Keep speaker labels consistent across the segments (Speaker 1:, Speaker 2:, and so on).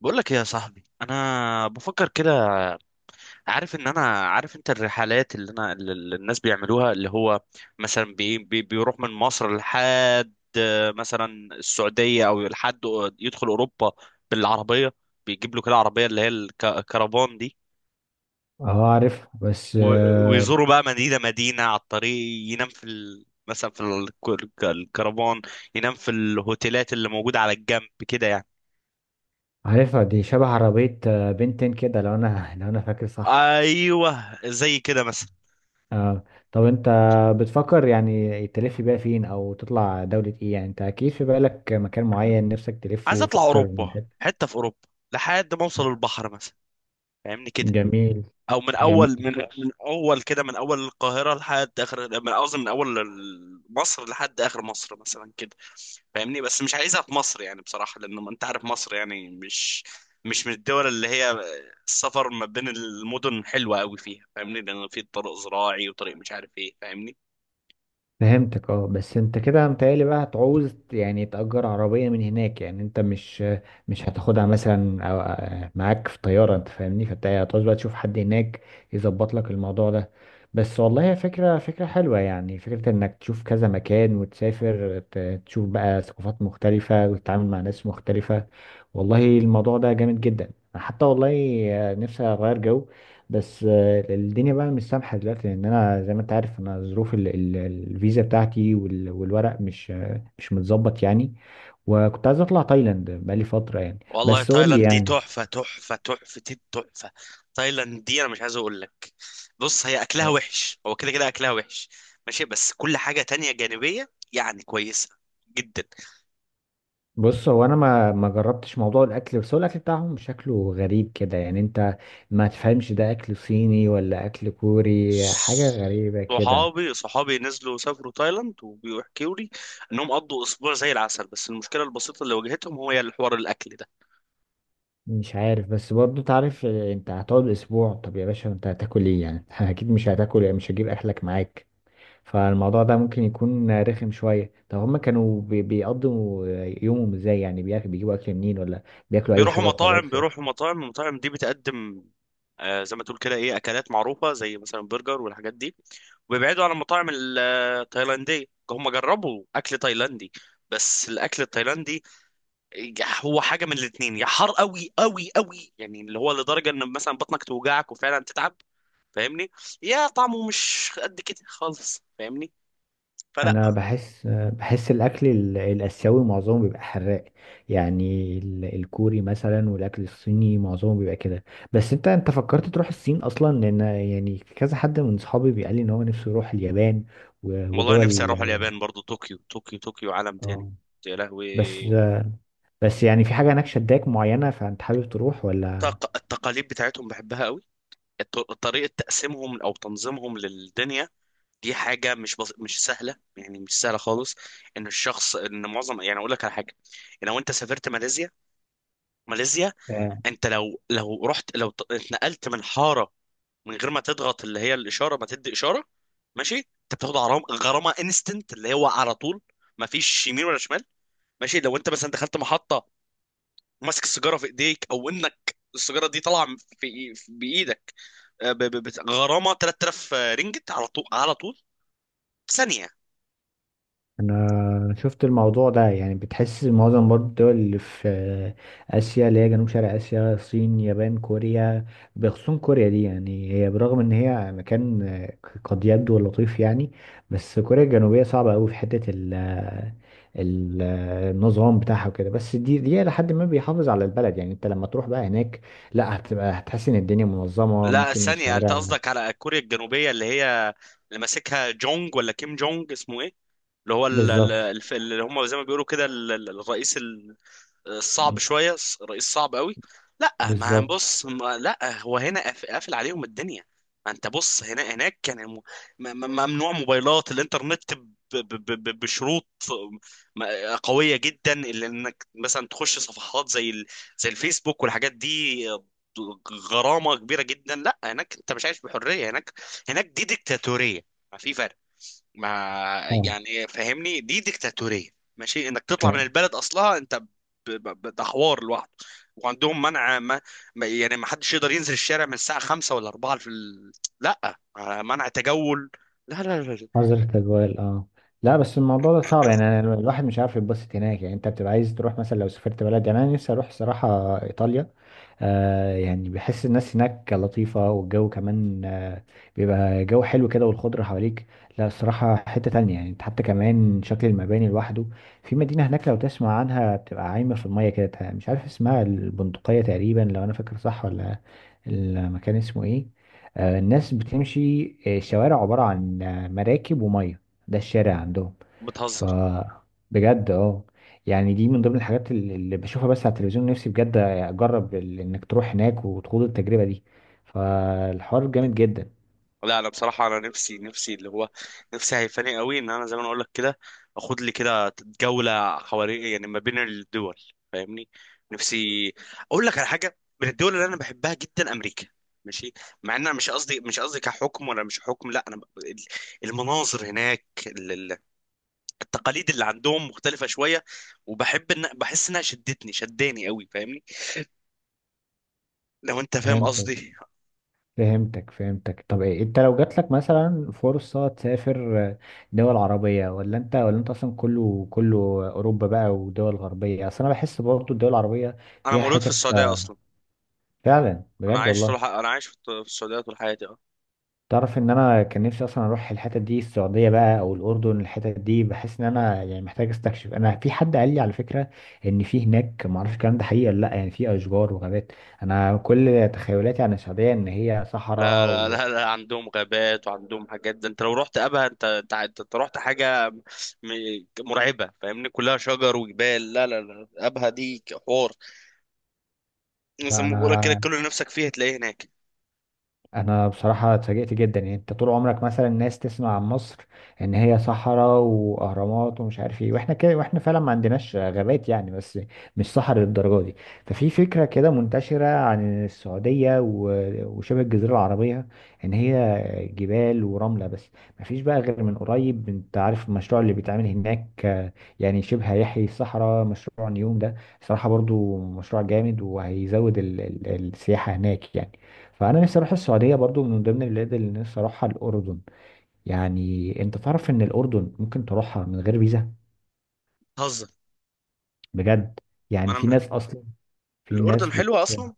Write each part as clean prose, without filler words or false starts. Speaker 1: بقول لك إيه يا صاحبي، انا بفكر كده. عارف ان انا، عارف انت الرحلات اللي الناس بيعملوها، اللي هو مثلا بي بي بيروح من مصر لحد، مثلا السعودية، او لحد يدخل اوروبا بالعربية، بيجيب له كده عربية اللي هي الكرفان دي.
Speaker 2: اه، عارف. بس آه
Speaker 1: ويزوروا بقى مدينة مدينة على الطريق، ينام في مثلا في الكرفان، ينام في الهوتيلات اللي موجودة على الجنب كده يعني.
Speaker 2: عارفها دي شبه عربية، آه، بنتين كده لو انا لو انا فاكر صح.
Speaker 1: ايوه زي كده مثلا.
Speaker 2: اه، طب انت بتفكر يعني تلف بيها فين او تطلع دولة ايه؟ يعني انت اكيد في بالك مكان معين نفسك
Speaker 1: عايز
Speaker 2: تلفه في
Speaker 1: اطلع
Speaker 2: اكتر من
Speaker 1: اوروبا،
Speaker 2: حتة.
Speaker 1: حته في اوروبا لحد ما اوصل البحر مثلا، فاهمني كده.
Speaker 2: جميل.
Speaker 1: او من اول
Speaker 2: جميل.
Speaker 1: من من اول كده، من اول القاهره لحد اخر، من قصدي من اول مصر لحد اخر مصر مثلا كده. فاهمني؟ بس مش عايزها في مصر يعني بصراحه، لان ما انت عارف مصر يعني مش من الدول اللي هي السفر ما بين المدن حلوه قوي فيها، فاهمني، لان في طريق زراعي وطريق مش عارف ايه، فاهمني.
Speaker 2: فهمتك. اه، بس انت كده متهيألي بقى هتعوز يعني تأجر عربية من هناك، يعني انت مش هتاخدها مثلا، معاك في طيارة، انت فاهمني؟ فانت هتعوز بقى تشوف حد هناك يظبط لك الموضوع ده. بس والله هي فكرة فكرة حلوة، يعني فكرة انك تشوف كذا مكان وتسافر تشوف بقى ثقافات مختلفة وتتعامل مع ناس مختلفة. والله الموضوع ده جامد جدا حتى، والله نفسي اغير جو. بس الدنيا بقى مش سامحة دلوقتي، لأن أنا زي ما أنت عارف أنا ظروف الفيزا بتاعتي والورق مش متظبط يعني. وكنت عايز أطلع تايلاند بقالي فترة يعني،
Speaker 1: والله
Speaker 2: بس قول لي
Speaker 1: تايلاند دي
Speaker 2: يعني.
Speaker 1: تحفة، تحفة، تحفة التحفة. تايلاند دي أنا مش عايز أقول لك. بص، هي أكلها وحش، هو كده كده أكلها وحش، ماشي، بس كل حاجة تانية جانبية يعني كويسة جدا.
Speaker 2: بص، هو انا ما جربتش موضوع الاكل، بس هو الاكل بتاعهم شكله غريب كده، يعني انت ما تفهمش ده اكل صيني ولا اكل كوري، حاجه غريبه كده.
Speaker 1: صحابي نزلوا سافروا تايلاند وبيحكوا لي إنهم قضوا أسبوع زي العسل، بس المشكلة البسيطة اللي واجهتهم هو الحوار الأكل.
Speaker 2: مش عارف، بس برضو تعرف، انت هتقعد اسبوع، طب يا باشا انت هتاكل ايه يعني؟ اكيد مش هتاكل، مش هجيب اكلك معاك. فالموضوع ده ممكن يكون رخم شوية. طب هما كانوا بيقضوا يومهم ازاي يعني؟ بيجيبوا أكل منين، ولا بياكلوا أي
Speaker 1: بيروحوا
Speaker 2: حاجة
Speaker 1: مطاعم
Speaker 2: وخلاص يعني؟
Speaker 1: بيروحوا مطاعم المطاعم دي بتقدم زي ما تقول كده ايه، اكلات معروفه زي مثلا برجر والحاجات دي، وبيبعدوا عن المطاعم التايلانديه. هم جربوا اكل تايلاندي، بس الاكل التايلاندي هو حاجه من الاتنين: يا حار قوي قوي قوي، يعني اللي هو لدرجه ان مثلا بطنك توجعك وفعلا تتعب، فاهمني، يا طعمه مش قد كده خالص، فاهمني،
Speaker 2: أنا
Speaker 1: فلا.
Speaker 2: بحس بحس الأكل الآسيوي معظمه بيبقى حراق، يعني الكوري مثلا والأكل الصيني معظمه بيبقى كده. بس أنت فكرت تروح الصين أصلا؟ لأن يعني كذا حد من صحابي بيقال لي إن هو نفسه يروح اليابان
Speaker 1: والله نفسي
Speaker 2: ودول.
Speaker 1: اروح اليابان برضو، طوكيو طوكيو طوكيو عالم تاني،
Speaker 2: اه،
Speaker 1: يا لهوي.
Speaker 2: بس، بس يعني في حاجة هناك شداك معينة فأنت حابب تروح ولا؟
Speaker 1: التقاليد بتاعتهم بحبها قوي. طريقة تقسيمهم أو تنظيمهم للدنيا دي حاجة مش بس مش سهلة، يعني مش سهلة خالص. إن الشخص إن معظم، يعني أقول لك على حاجة: لو أنت سافرت ماليزيا، ماليزيا، أنت لو رحت، لو اتنقلت من حارة من غير ما تضغط اللي هي الإشارة، ما تدي إشارة، ماشي، أنت بتاخد غرامة، غرامة انستنت اللي هو على طول، ما فيش يمين ولا شمال. ماشي، لو أنت مثلا دخلت محطة ماسك السيجارة في إيديك، أو إنك السيجارة دي طالعة في بإيدك، غرامه 3000 رينجت على طول، على طول، ثانيه.
Speaker 2: انا شفت الموضوع ده، يعني بتحس معظم برضو الدول اللي في اسيا اللي هي جنوب شرق اسيا، الصين، يابان، كوريا. بخصوص كوريا دي، يعني هي برغم ان هي مكان قد يبدو لطيف يعني، بس كوريا الجنوبية صعبة قوي في حتة النظام بتاعها وكده، بس دي لحد ما بيحافظ على البلد. يعني انت لما تروح بقى هناك، لا هتبقى، هتحس ان الدنيا منظمة،
Speaker 1: لا،
Speaker 2: ممكن
Speaker 1: ثانيه، انت
Speaker 2: الشوارع.
Speaker 1: قصدك على كوريا الجنوبيه اللي هي اللي ماسكها جونج، ولا كيم جونج اسمه ايه، اللي هو
Speaker 2: بالظبط.
Speaker 1: اللي هم زي ما بيقولوا كده الرئيس، صعب شويه، رئيس صعب قوي. لا، ما
Speaker 2: بالظبط.
Speaker 1: بص، ما لا، هو هنا قافل عليهم الدنيا. ما انت بص، هنا هناك كان ممنوع موبايلات الانترنت بشروط قويه جدا، اللي انك مثلا تخش صفحات زي زي الفيسبوك والحاجات دي غرامه كبيره جدا. لا، هناك انت مش عايش بحريه، هناك هناك دي ديكتاتوريه، ما في فرق. ما
Speaker 2: اه،
Speaker 1: يعني فاهمني، دي ديكتاتورية. ماشي، انك تطلع من البلد اصلها انت ده حوار لوحده. وعندهم منع، ما... ما يعني ما حدش يقدر ينزل الشارع من الساعة 5 ولا 4 في لا، منع تجول. لا لا لا لا.
Speaker 2: نظرة الأجواء. اه، لا بس الموضوع ده صعب يعني، أنا الواحد مش عارف يتبسط هناك. يعني انت بتبقى عايز تروح مثلا، لو سافرت بلد يعني، انا نفسي اروح صراحة ايطاليا، آه يعني بحس الناس هناك لطيفة، والجو كمان، بيبقى جو حلو كده والخضرة حواليك. لا الصراحة حتة تانية يعني، انت حتى كمان شكل المباني لوحده. في مدينة هناك لو تسمع عنها بتبقى عايمة في المية كده، مش عارف اسمها، البندقية تقريبا لو انا فاكر صح، ولا المكان اسمه ايه؟ الناس بتمشي، الشوارع عبارة عن مراكب ومية، ده الشارع عندهم. ف
Speaker 1: بتهزر؟
Speaker 2: بجد. اه، يعني دي من ضمن الحاجات اللي بشوفها بس على التلفزيون، نفسي بجد اجرب انك تروح هناك وتخوض التجربة دي، فالحوار جامد جدا.
Speaker 1: لا انا بصراحه انا نفسي اللي هو نفسي، هيفاني قوي ان انا زي ما انا اقول لك كده، اخد لي كده جوله حوالي، يعني ما بين الدول، فاهمني. نفسي اقول لك على حاجه، من الدول اللي انا بحبها جدا امريكا، ماشي، مع ان انا مش قصدي كحكم ولا مش حكم، لا انا المناظر هناك، التقاليد اللي عندهم مختلفه شويه، وبحب ان بحس انها شدتني، شداني قوي، فاهمني، لو انت فاهم
Speaker 2: فهمتك.
Speaker 1: قصدي.
Speaker 2: فهمتك. فهمتك. طب إيه؟ انت لو جات لك مثلا فرصة تسافر، دول عربية ولا انت اصلا، كله كله، اوروبا بقى ودول غربية؟ اصل انا بحس برضه الدول العربية
Speaker 1: انا
Speaker 2: فيها
Speaker 1: مولود في
Speaker 2: حتت،
Speaker 1: السعوديه اصلا.
Speaker 2: فعلا. بجد والله.
Speaker 1: انا عايش في في السعوديه طول حياتي.
Speaker 2: تعرف ان انا كان نفسي اصلا اروح الحتت دي، السعوديه بقى او الاردن، الحتت دي بحس ان انا يعني محتاج استكشف. انا في حد قال لي على فكره ان في هناك، ما اعرفش الكلام ده حقيقي ولا لا، يعني في اشجار وغابات. انا كل تخيلاتي عن السعوديه ان هي
Speaker 1: لا
Speaker 2: صحراء
Speaker 1: لا
Speaker 2: و...
Speaker 1: لا, لا، عندهم غابات وعندهم حاجات. ده انت لو رحت ابها، انت انت انت أنت رحت حاجه مرعبه، فاهمني، كلها شجر وجبال. لا لا لا، ابها دي حوار، زي ما بقولك كده
Speaker 2: فانا،
Speaker 1: كل اللي نفسك فيه هتلاقيه هناك.
Speaker 2: انا بصراحه اتفاجئت جدا. يعني انت طول عمرك مثلا الناس تسمع عن مصر ان هي صحراء واهرامات ومش عارف ايه، واحنا كده، واحنا فعلا ما عندناش غابات يعني، بس مش صحراء للدرجه دي. ففي فكره كده منتشره عن السعوديه وشبه الجزيره العربيه ان هي جبال ورمله بس. ما فيش بقى غير من قريب، انت عارف المشروع اللي بيتعمل هناك، يعني شبه هيحيي الصحراء، مشروع نيوم ده. صراحه برضو مشروع جامد، وهيزود السياحه هناك يعني. فانا نفسي اروح السعوديه، برضو من ضمن البلاد اللي نفسي اروحها الاردن، يعني انت تعرف ان الاردن ممكن تروحها من غير فيزا؟
Speaker 1: هزر.
Speaker 2: بجد، يعني
Speaker 1: ما
Speaker 2: في
Speaker 1: انا،
Speaker 2: ناس اصلا، في ناس
Speaker 1: الاردن
Speaker 2: بت
Speaker 1: حلوه اصلا.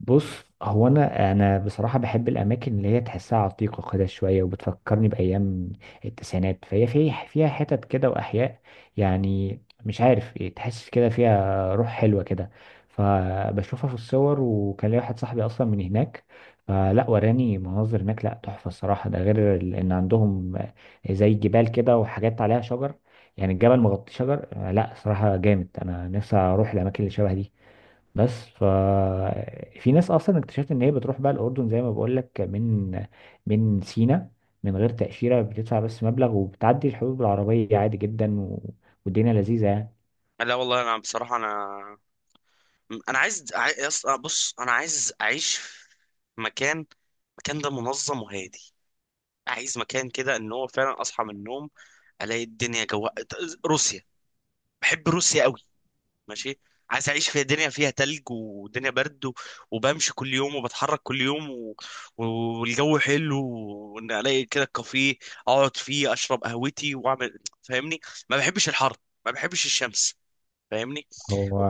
Speaker 2: بص، هو انا بصراحه بحب الاماكن اللي هي تحسها عتيقه كده شويه وبتفكرني بايام التسعينات. فهي فيها حتت كده واحياء، يعني مش عارف تحس كده فيها روح حلوه كده. فبشوفها في الصور، وكان لي واحد صاحبي اصلا من هناك فلا وراني مناظر هناك، لا تحفه الصراحه، ده غير ان عندهم زي جبال كده وحاجات عليها شجر، يعني الجبل مغطي شجر. لا صراحه جامد، انا نفسي اروح الاماكن اللي شبه دي. بس في ناس اصلا اكتشفت ان هي بتروح بقى الاردن، زي ما بقول لك، من سينا من غير تاشيره، بتدفع بس مبلغ وبتعدي الحدود بالعربيه عادي جدا، و... والدنيا لذيذه يعني.
Speaker 1: لا والله انا بصراحه، انا انا عايز بص، انا عايز اعيش في مكان، مكان ده منظم وهادي. عايز مكان كده ان هو فعلا اصحى من النوم، الاقي الدنيا جو. روسيا، بحب روسيا قوي. ماشي، عايز اعيش في دنيا فيها تلج ودنيا برد، وبمشي كل يوم وبتحرك كل يوم و- والجو حلو، وان الاقي كده كافيه اقعد فيه اشرب قهوتي واعمل، فاهمني. ما بحبش الحر، ما بحبش الشمس، فاهمني.
Speaker 2: هو،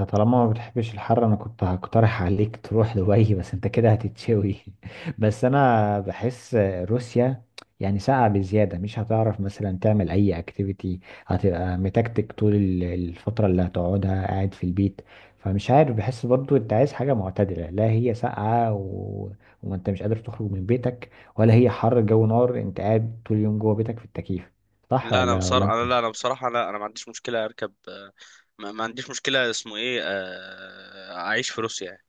Speaker 2: انت طالما ما بتحبش الحر انا كنت هقترح عليك تروح دبي بس انت كده هتتشوي. بس انا بحس روسيا يعني ساقعة بزيادة، مش هتعرف مثلا تعمل اي اكتيفيتي، هتبقى متكتك طول الفترة اللي هتقعدها، قاعد في البيت. فمش عارف، بحس برضو انت عايز حاجة معتدلة، لا هي ساقعة و... وما انت مش قادر تخرج من بيتك، ولا هي حر جو نار انت قاعد طول اليوم جوه بيتك في التكييف، صح؟
Speaker 1: لا انا
Speaker 2: ولا
Speaker 1: بصراحه
Speaker 2: انت؟
Speaker 1: انا، لا انا بصراحه، لا انا ما عنديش مشكله اركب، ما عنديش مشكله، اسمه ايه، اعيش في روسيا يعني.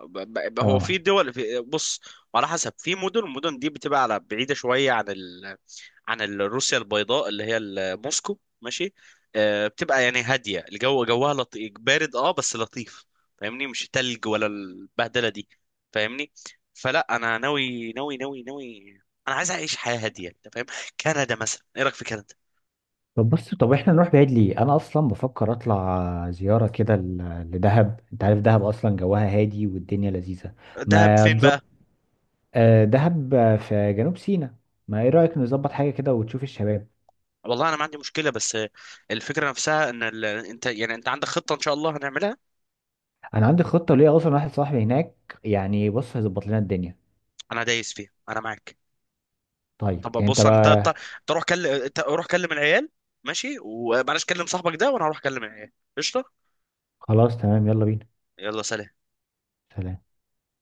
Speaker 1: هو في
Speaker 2: اه،
Speaker 1: دول، في، بص، وعلى حسب في مدن، المدن دي بتبقى على بعيده شويه عن عن روسيا البيضاء اللي هي موسكو، ماشي، بتبقى يعني هاديه، الجو جوها لطيف بارد، بس لطيف، فاهمني، مش تلج ولا البهدله دي، فاهمني. فلا، انا ناوي ناوي ناوي ناوي. انا عايز اعيش حياه هاديه، انت فاهم؟ كندا مثلا، ايه رايك في كندا؟
Speaker 2: طب بص، طب احنا نروح بعيد ليه؟ انا اصلا بفكر اطلع زياره كده لدهب، انت عارف دهب اصلا جواها هادي والدنيا لذيذه،
Speaker 1: دهب
Speaker 2: ما
Speaker 1: فين
Speaker 2: تظبط؟
Speaker 1: بقى؟
Speaker 2: دهب في جنوب سيناء. ما ايه رايك نظبط حاجه كده وتشوف الشباب؟
Speaker 1: والله انا ما عندي مشكله، بس الفكره نفسها ان انت يعني انت عندك خطه ان شاء الله هنعملها.
Speaker 2: انا عندي خطه ليا، اصلا واحد صاحبي هناك يعني، بص هيظبط لنا الدنيا.
Speaker 1: انا دايس فيها، انا معاك. طب
Speaker 2: طيب، يعني انت
Speaker 1: بص، انت انت
Speaker 2: بقى.
Speaker 1: انت روح كلم، انت روح كلم العيال، ماشي، ومعلش كلم صاحبك ده، وانا هروح اكلم العيال. قشطه.
Speaker 2: خلاص، تمام، يلا بينا.
Speaker 1: يلا سلام.
Speaker 2: سلام.